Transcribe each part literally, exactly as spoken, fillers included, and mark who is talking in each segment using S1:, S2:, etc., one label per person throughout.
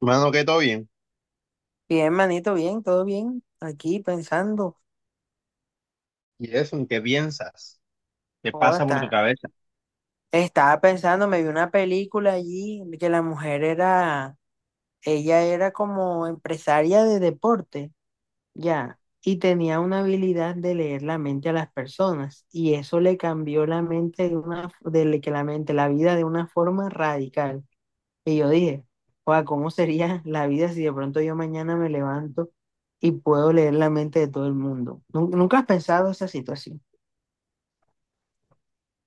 S1: Mano, que todo bien.
S2: Bien, manito, bien, todo bien. Aquí pensando,
S1: ¿Y eso? ¿En qué piensas? ¿Qué
S2: oh,
S1: pasa por tu
S2: está-
S1: cabeza?
S2: estaba pensando, me vi una película allí que la mujer era, ella era como empresaria de deporte, ya, y tenía una habilidad de leer la mente a las personas, y eso le cambió la mente de una, de le- que la mente, la vida de una forma radical. Y yo dije, sea, ¿cómo sería la vida si de pronto yo mañana me levanto y puedo leer la mente de todo el mundo? ¿Nun- ¿Nunca has pensado esa situación?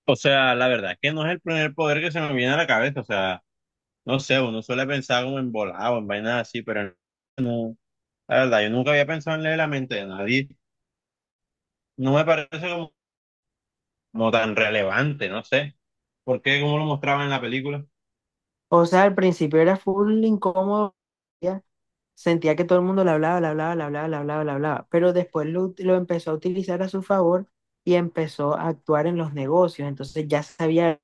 S1: O sea, la verdad es que no es el primer poder que se me viene a la cabeza. O sea, no sé, uno suele pensar como en volado, en vainas así, pero no. La verdad, yo nunca había pensado en leer la mente de nadie. No me parece como, como tan relevante, no sé. ¿Por qué? ¿Cómo lo mostraban en la película? O
S2: O sea, al principio era full incómodo, ya, sentía que todo el mundo le hablaba, le hablaba, le hablaba, le hablaba, le hablaba, pero después lo, ut- lo empezó a utilizar a su favor y empezó a actuar en los negocios, entonces ya sabía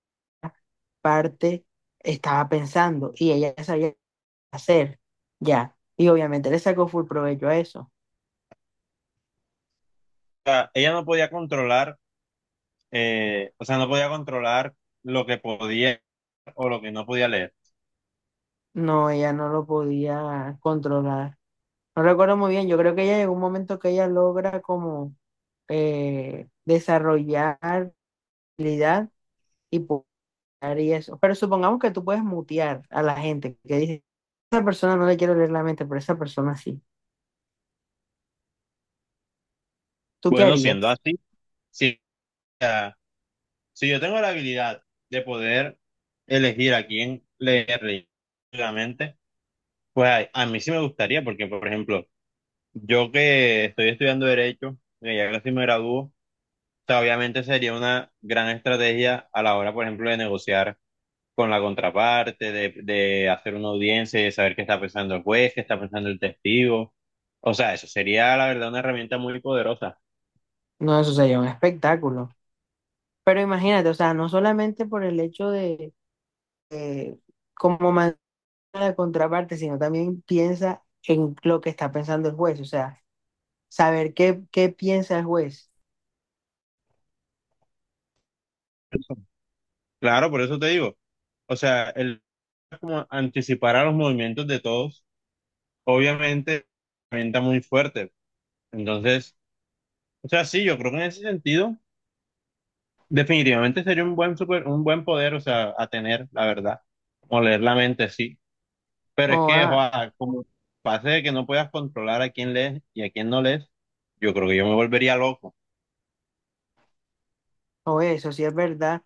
S2: parte estaba pensando y ella ya sabía qué hacer, ya, y obviamente le sacó full provecho a eso.
S1: sea, ella no podía controlar, eh, o sea, no podía controlar lo que podía o lo que no podía leer.
S2: No, ella no lo podía controlar. No recuerdo muy bien, yo creo que ella llegó un momento que ella logra como eh, desarrollar habilidad y y eso. Pero supongamos que tú puedes mutear a la gente que dice, esa persona no le quiero leer la mente, pero esa persona sí. ¿Tú qué
S1: Bueno, siendo
S2: harías?
S1: así, sí. Si yo tengo la habilidad de poder elegir a quién leer realmente, pues a, a mí sí me gustaría, porque por ejemplo, yo que estoy estudiando Derecho, que ya casi me gradúo, o sea, obviamente sería una gran estrategia a la hora, por ejemplo, de negociar con la contraparte, de, de hacer una audiencia y de saber qué está pensando el juez, qué está pensando el testigo. O sea, eso sería, la verdad, una herramienta muy poderosa.
S2: No, eso sería un espectáculo. Pero imagínate, o sea, no solamente por el hecho de, de como manera de contraparte, sino también piensa en lo que está pensando el juez, o sea, saber qué, qué piensa el juez.
S1: Claro, por eso te digo. O sea, el como anticipar a los movimientos de todos obviamente, venta muy fuerte. Entonces, o sea, sí, yo creo que en ese sentido, definitivamente sería un buen super, un buen poder, o sea, a tener, la verdad, o leer la mente, sí. Pero es
S2: O,
S1: que,
S2: ah,
S1: joa, como pase de que no puedas controlar a quién lees y a quién no lees, yo creo que yo me volvería loco.
S2: o eso, si es verdad.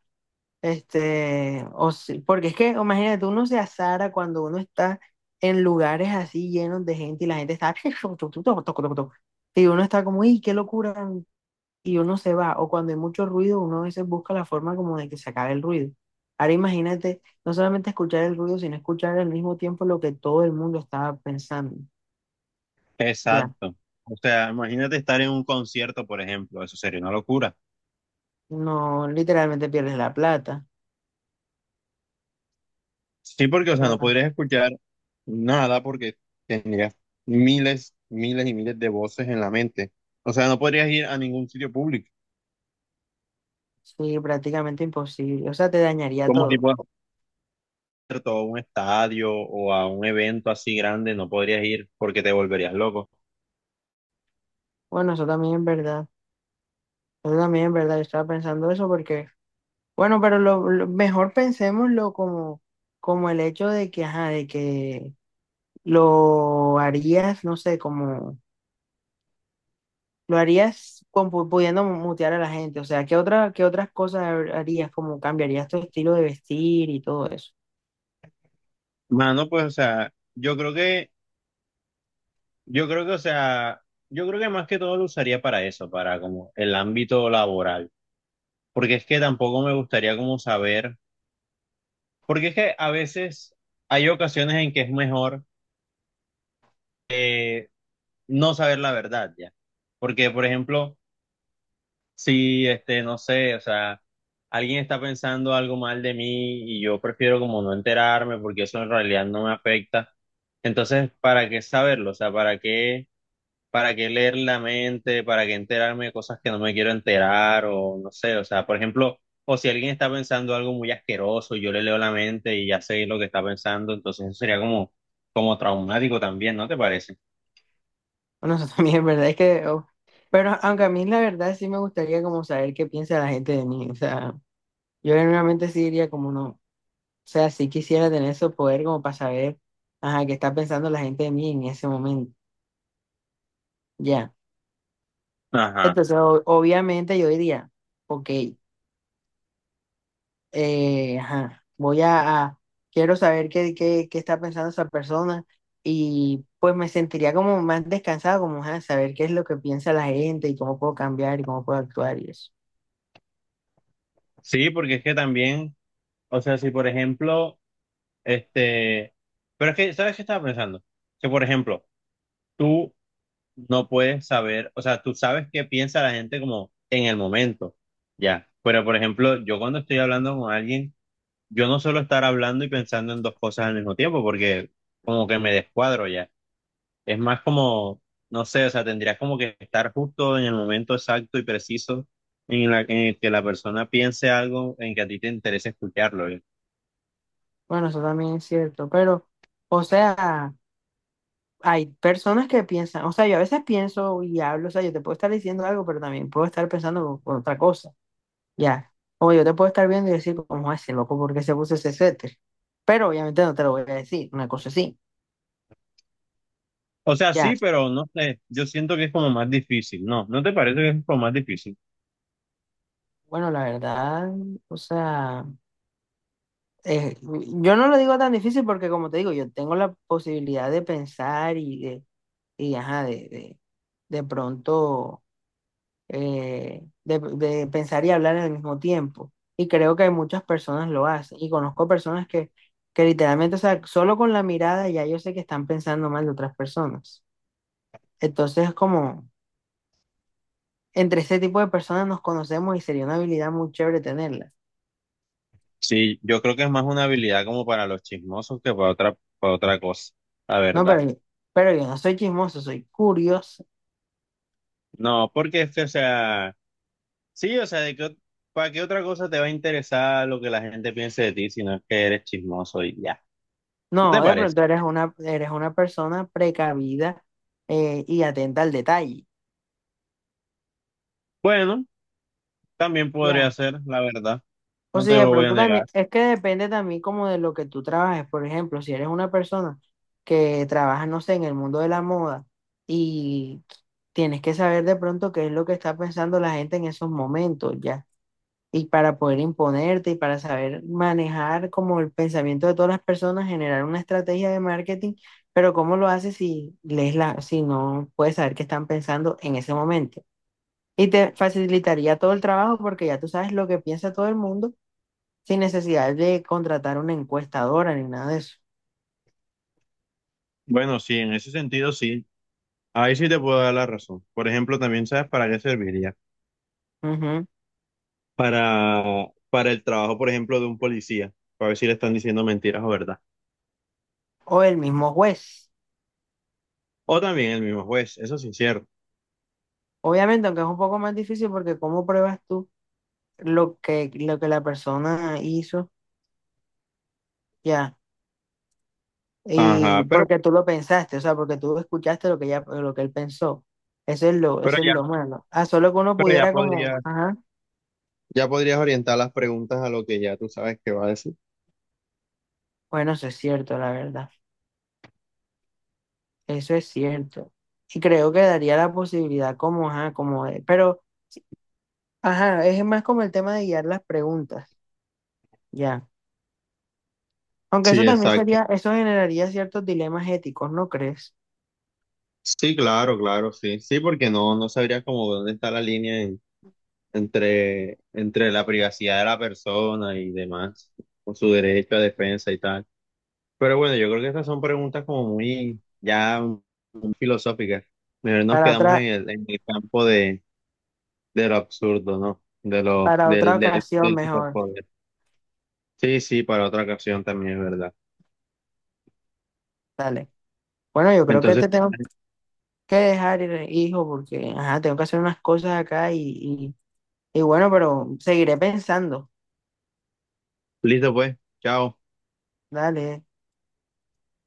S2: Este, o si- porque es que, imagínate, uno se azara cuando uno está en lugares así llenos de gente y la gente está y uno está como, ¡y qué locura! Y uno se va, o cuando hay mucho ruido, uno a veces busca la forma como de que se acabe el ruido. Ahora imagínate, no solamente escuchar el ruido, sino escuchar al mismo tiempo lo que todo el mundo estaba pensando. Ya,
S1: Exacto. O sea, imagínate estar en un concierto, por ejemplo, eso sería una locura.
S2: no, literalmente pierdes la plata.
S1: Sí, porque, o sea, no
S2: Claro.
S1: podrías escuchar nada porque tendrías miles, miles y miles de voces en la mente. O sea, no podrías ir a ningún sitio público,
S2: Sí, prácticamente imposible. O sea, te dañaría
S1: como
S2: todo.
S1: tipo a un concierto, o a un estadio o a un evento así grande, no podrías ir porque te volverías loco.
S2: Bueno, eso también es verdad. Yo también, en ¿verdad? Yo estaba pensando eso porque, bueno, pero lo, lo- mejor pensémoslo como, como el hecho de que, ajá, de que lo harías, no sé, como lo harías con, pu- pudiendo mutear a la gente. O sea, ¿qué otra, ¿qué otras cosas har- harías? Como cambiarías tu estilo de vestir y todo eso.
S1: Mano, pues, o sea, yo creo que, yo creo que, o sea, yo creo que más que todo lo usaría para eso, para como el ámbito laboral. Porque es que tampoco me gustaría como saber, porque es que a veces hay ocasiones en que es mejor eh, no saber la verdad ya. Porque, por ejemplo, si, este, no sé, o sea, alguien está pensando algo mal de mí y yo prefiero como no enterarme porque eso en realidad no me afecta. Entonces, ¿para qué saberlo? O sea, ¿para qué, para qué leer la mente? ¿Para qué enterarme de cosas que no me quiero enterar? O no sé, o sea, por ejemplo, o si alguien está pensando algo muy asqueroso, y yo le leo la mente y ya sé lo que está pensando, entonces eso sería como, como traumático también, ¿no te parece?
S2: Bueno, eso también, es ¿verdad? Es que, oh, pero aunque a mí la verdad sí me gustaría como saber qué piensa la gente de mí. O sea, yo realmente sí diría como no. O sea, sí quisiera tener ese poder como para saber, ajá, qué está pensando la gente de mí en ese momento. Ya.
S1: Ajá.
S2: Entonces, o- obviamente yo diría, ok, eh, ajá, voy a, a- quiero saber qué, qué, qué está pensando esa persona y pues me sentiría como más descansado, como, ajá, saber qué es lo que piensa la gente y cómo puedo cambiar y cómo puedo actuar y eso.
S1: Sí, porque es que también. O sea, si por ejemplo, este, pero es que, ¿sabes qué estaba pensando? Que por ejemplo, tú no puedes saber, o sea, tú sabes qué piensa la gente como en el momento, ya. Pero por ejemplo, yo cuando estoy hablando con alguien, yo no suelo estar hablando y pensando en dos cosas al mismo tiempo, porque como que me descuadro ya. Es más como, no sé, o sea, tendrías como que estar justo en el momento exacto y preciso en la, en el que la persona piense algo en que a ti te interesa escucharlo.
S2: Bueno, eso también es cierto, pero, o sea, hay personas que piensan, o sea, yo a veces pienso y hablo, o sea, yo te puedo estar diciendo algo, pero también puedo estar pensando con otra cosa, ya. O yo te puedo estar viendo y decir, ¿cómo es ese loco? ¿Por qué se puso ese suéter? Pero obviamente no te lo voy a decir, una cosa así,
S1: O sea, sí,
S2: ya.
S1: pero no sé, yo siento que es como más difícil, ¿no? ¿No te parece que es como más difícil?
S2: Bueno, la verdad, o sea, eh, yo no lo digo tan difícil porque, como te digo, yo tengo la posibilidad de pensar y de, y ajá, de, de, de pronto eh, de, de pensar y hablar al mismo tiempo. Y creo que muchas personas lo hacen. Y conozco personas que, que literalmente, o sea, solo con la mirada ya yo sé que están pensando mal de otras personas. Entonces, como entre ese tipo de personas nos conocemos y sería una habilidad muy chévere tenerla.
S1: Sí, yo creo que es más una habilidad como para los chismosos que para otra, para otra cosa, la
S2: No, pero,
S1: verdad.
S2: yo- pero yo no soy chismoso, soy curioso.
S1: No, porque es que, o sea, sí, o sea, de que, ¿para qué otra cosa te va a interesar lo que la gente piense de ti si no es que eres chismoso y ya? ¿No te
S2: No, de
S1: parece?
S2: pronto eres una, eres una persona precavida eh, y atenta al detalle.
S1: Bueno, también podría
S2: Ya.
S1: ser, la verdad,
S2: O
S1: no
S2: si
S1: te
S2: de
S1: lo voy a
S2: pronto
S1: negar.
S2: también, es que depende también como de lo que tú trabajes. Por ejemplo, si eres una persona que trabaja, no sé, en el mundo de la moda y tienes que saber de pronto qué es lo que está pensando la gente en esos momentos, ¿ya? Y para poder imponerte y para saber manejar como el pensamiento de todas las personas, generar una estrategia de marketing, pero ¿cómo lo haces si lees la, si no puedes saber qué están pensando en ese momento? Y te facilitaría todo el trabajo porque ya tú sabes lo que piensa todo el mundo sin necesidad de contratar una encuestadora ni nada de eso.
S1: Bueno, sí, en ese sentido sí, ahí sí te puedo dar la razón. Por ejemplo, también sabes para qué serviría.
S2: Ujú.
S1: para, para el trabajo, por ejemplo, de un policía, para ver si le están diciendo mentiras o verdad.
S2: O el mismo juez.
S1: O también el mismo juez, eso sí es incierto.
S2: Obviamente, aunque es un poco más difícil porque cómo pruebas tú lo que, lo que la persona hizo, ya. Y
S1: Ajá, pero,
S2: porque tú lo pensaste, o sea, porque tú escuchaste lo que ella, lo que él pensó. Eso es lo,
S1: pero
S2: eso es
S1: ya,
S2: lo malo. Ah, solo que uno
S1: pero ya
S2: pudiera como,
S1: podría,
S2: ajá,
S1: ya podrías orientar las preguntas a lo que ya tú sabes que va a decir.
S2: bueno, eso es cierto, la verdad. Eso es cierto. Y creo que daría la posibilidad como, ajá, como de, pero, ajá, es más como el tema de guiar las preguntas. Ya. Aunque
S1: Sí,
S2: eso también
S1: exacto.
S2: sería, eso generaría ciertos dilemas éticos, ¿no crees?
S1: Sí, claro, claro, sí. Sí, porque no, no sabrías cómo dónde está la línea en- entre, entre la privacidad de la persona y demás, con su derecho a defensa y tal. Pero bueno, yo creo que estas son preguntas como muy ya muy filosóficas. Mejor nos
S2: Para
S1: quedamos en
S2: otra,
S1: el, en el campo de, de lo absurdo, ¿no? De lo,
S2: para otra
S1: del, del,
S2: ocasión
S1: del
S2: mejor.
S1: superpoder. Sí, sí, para otra ocasión también es verdad.
S2: Dale. Bueno, yo creo que
S1: Entonces,
S2: te tengo que dejar, ir, hijo, porque ajá, tengo que hacer unas cosas acá y, y, y bueno, pero seguiré pensando.
S1: listo pues, chao.
S2: Dale.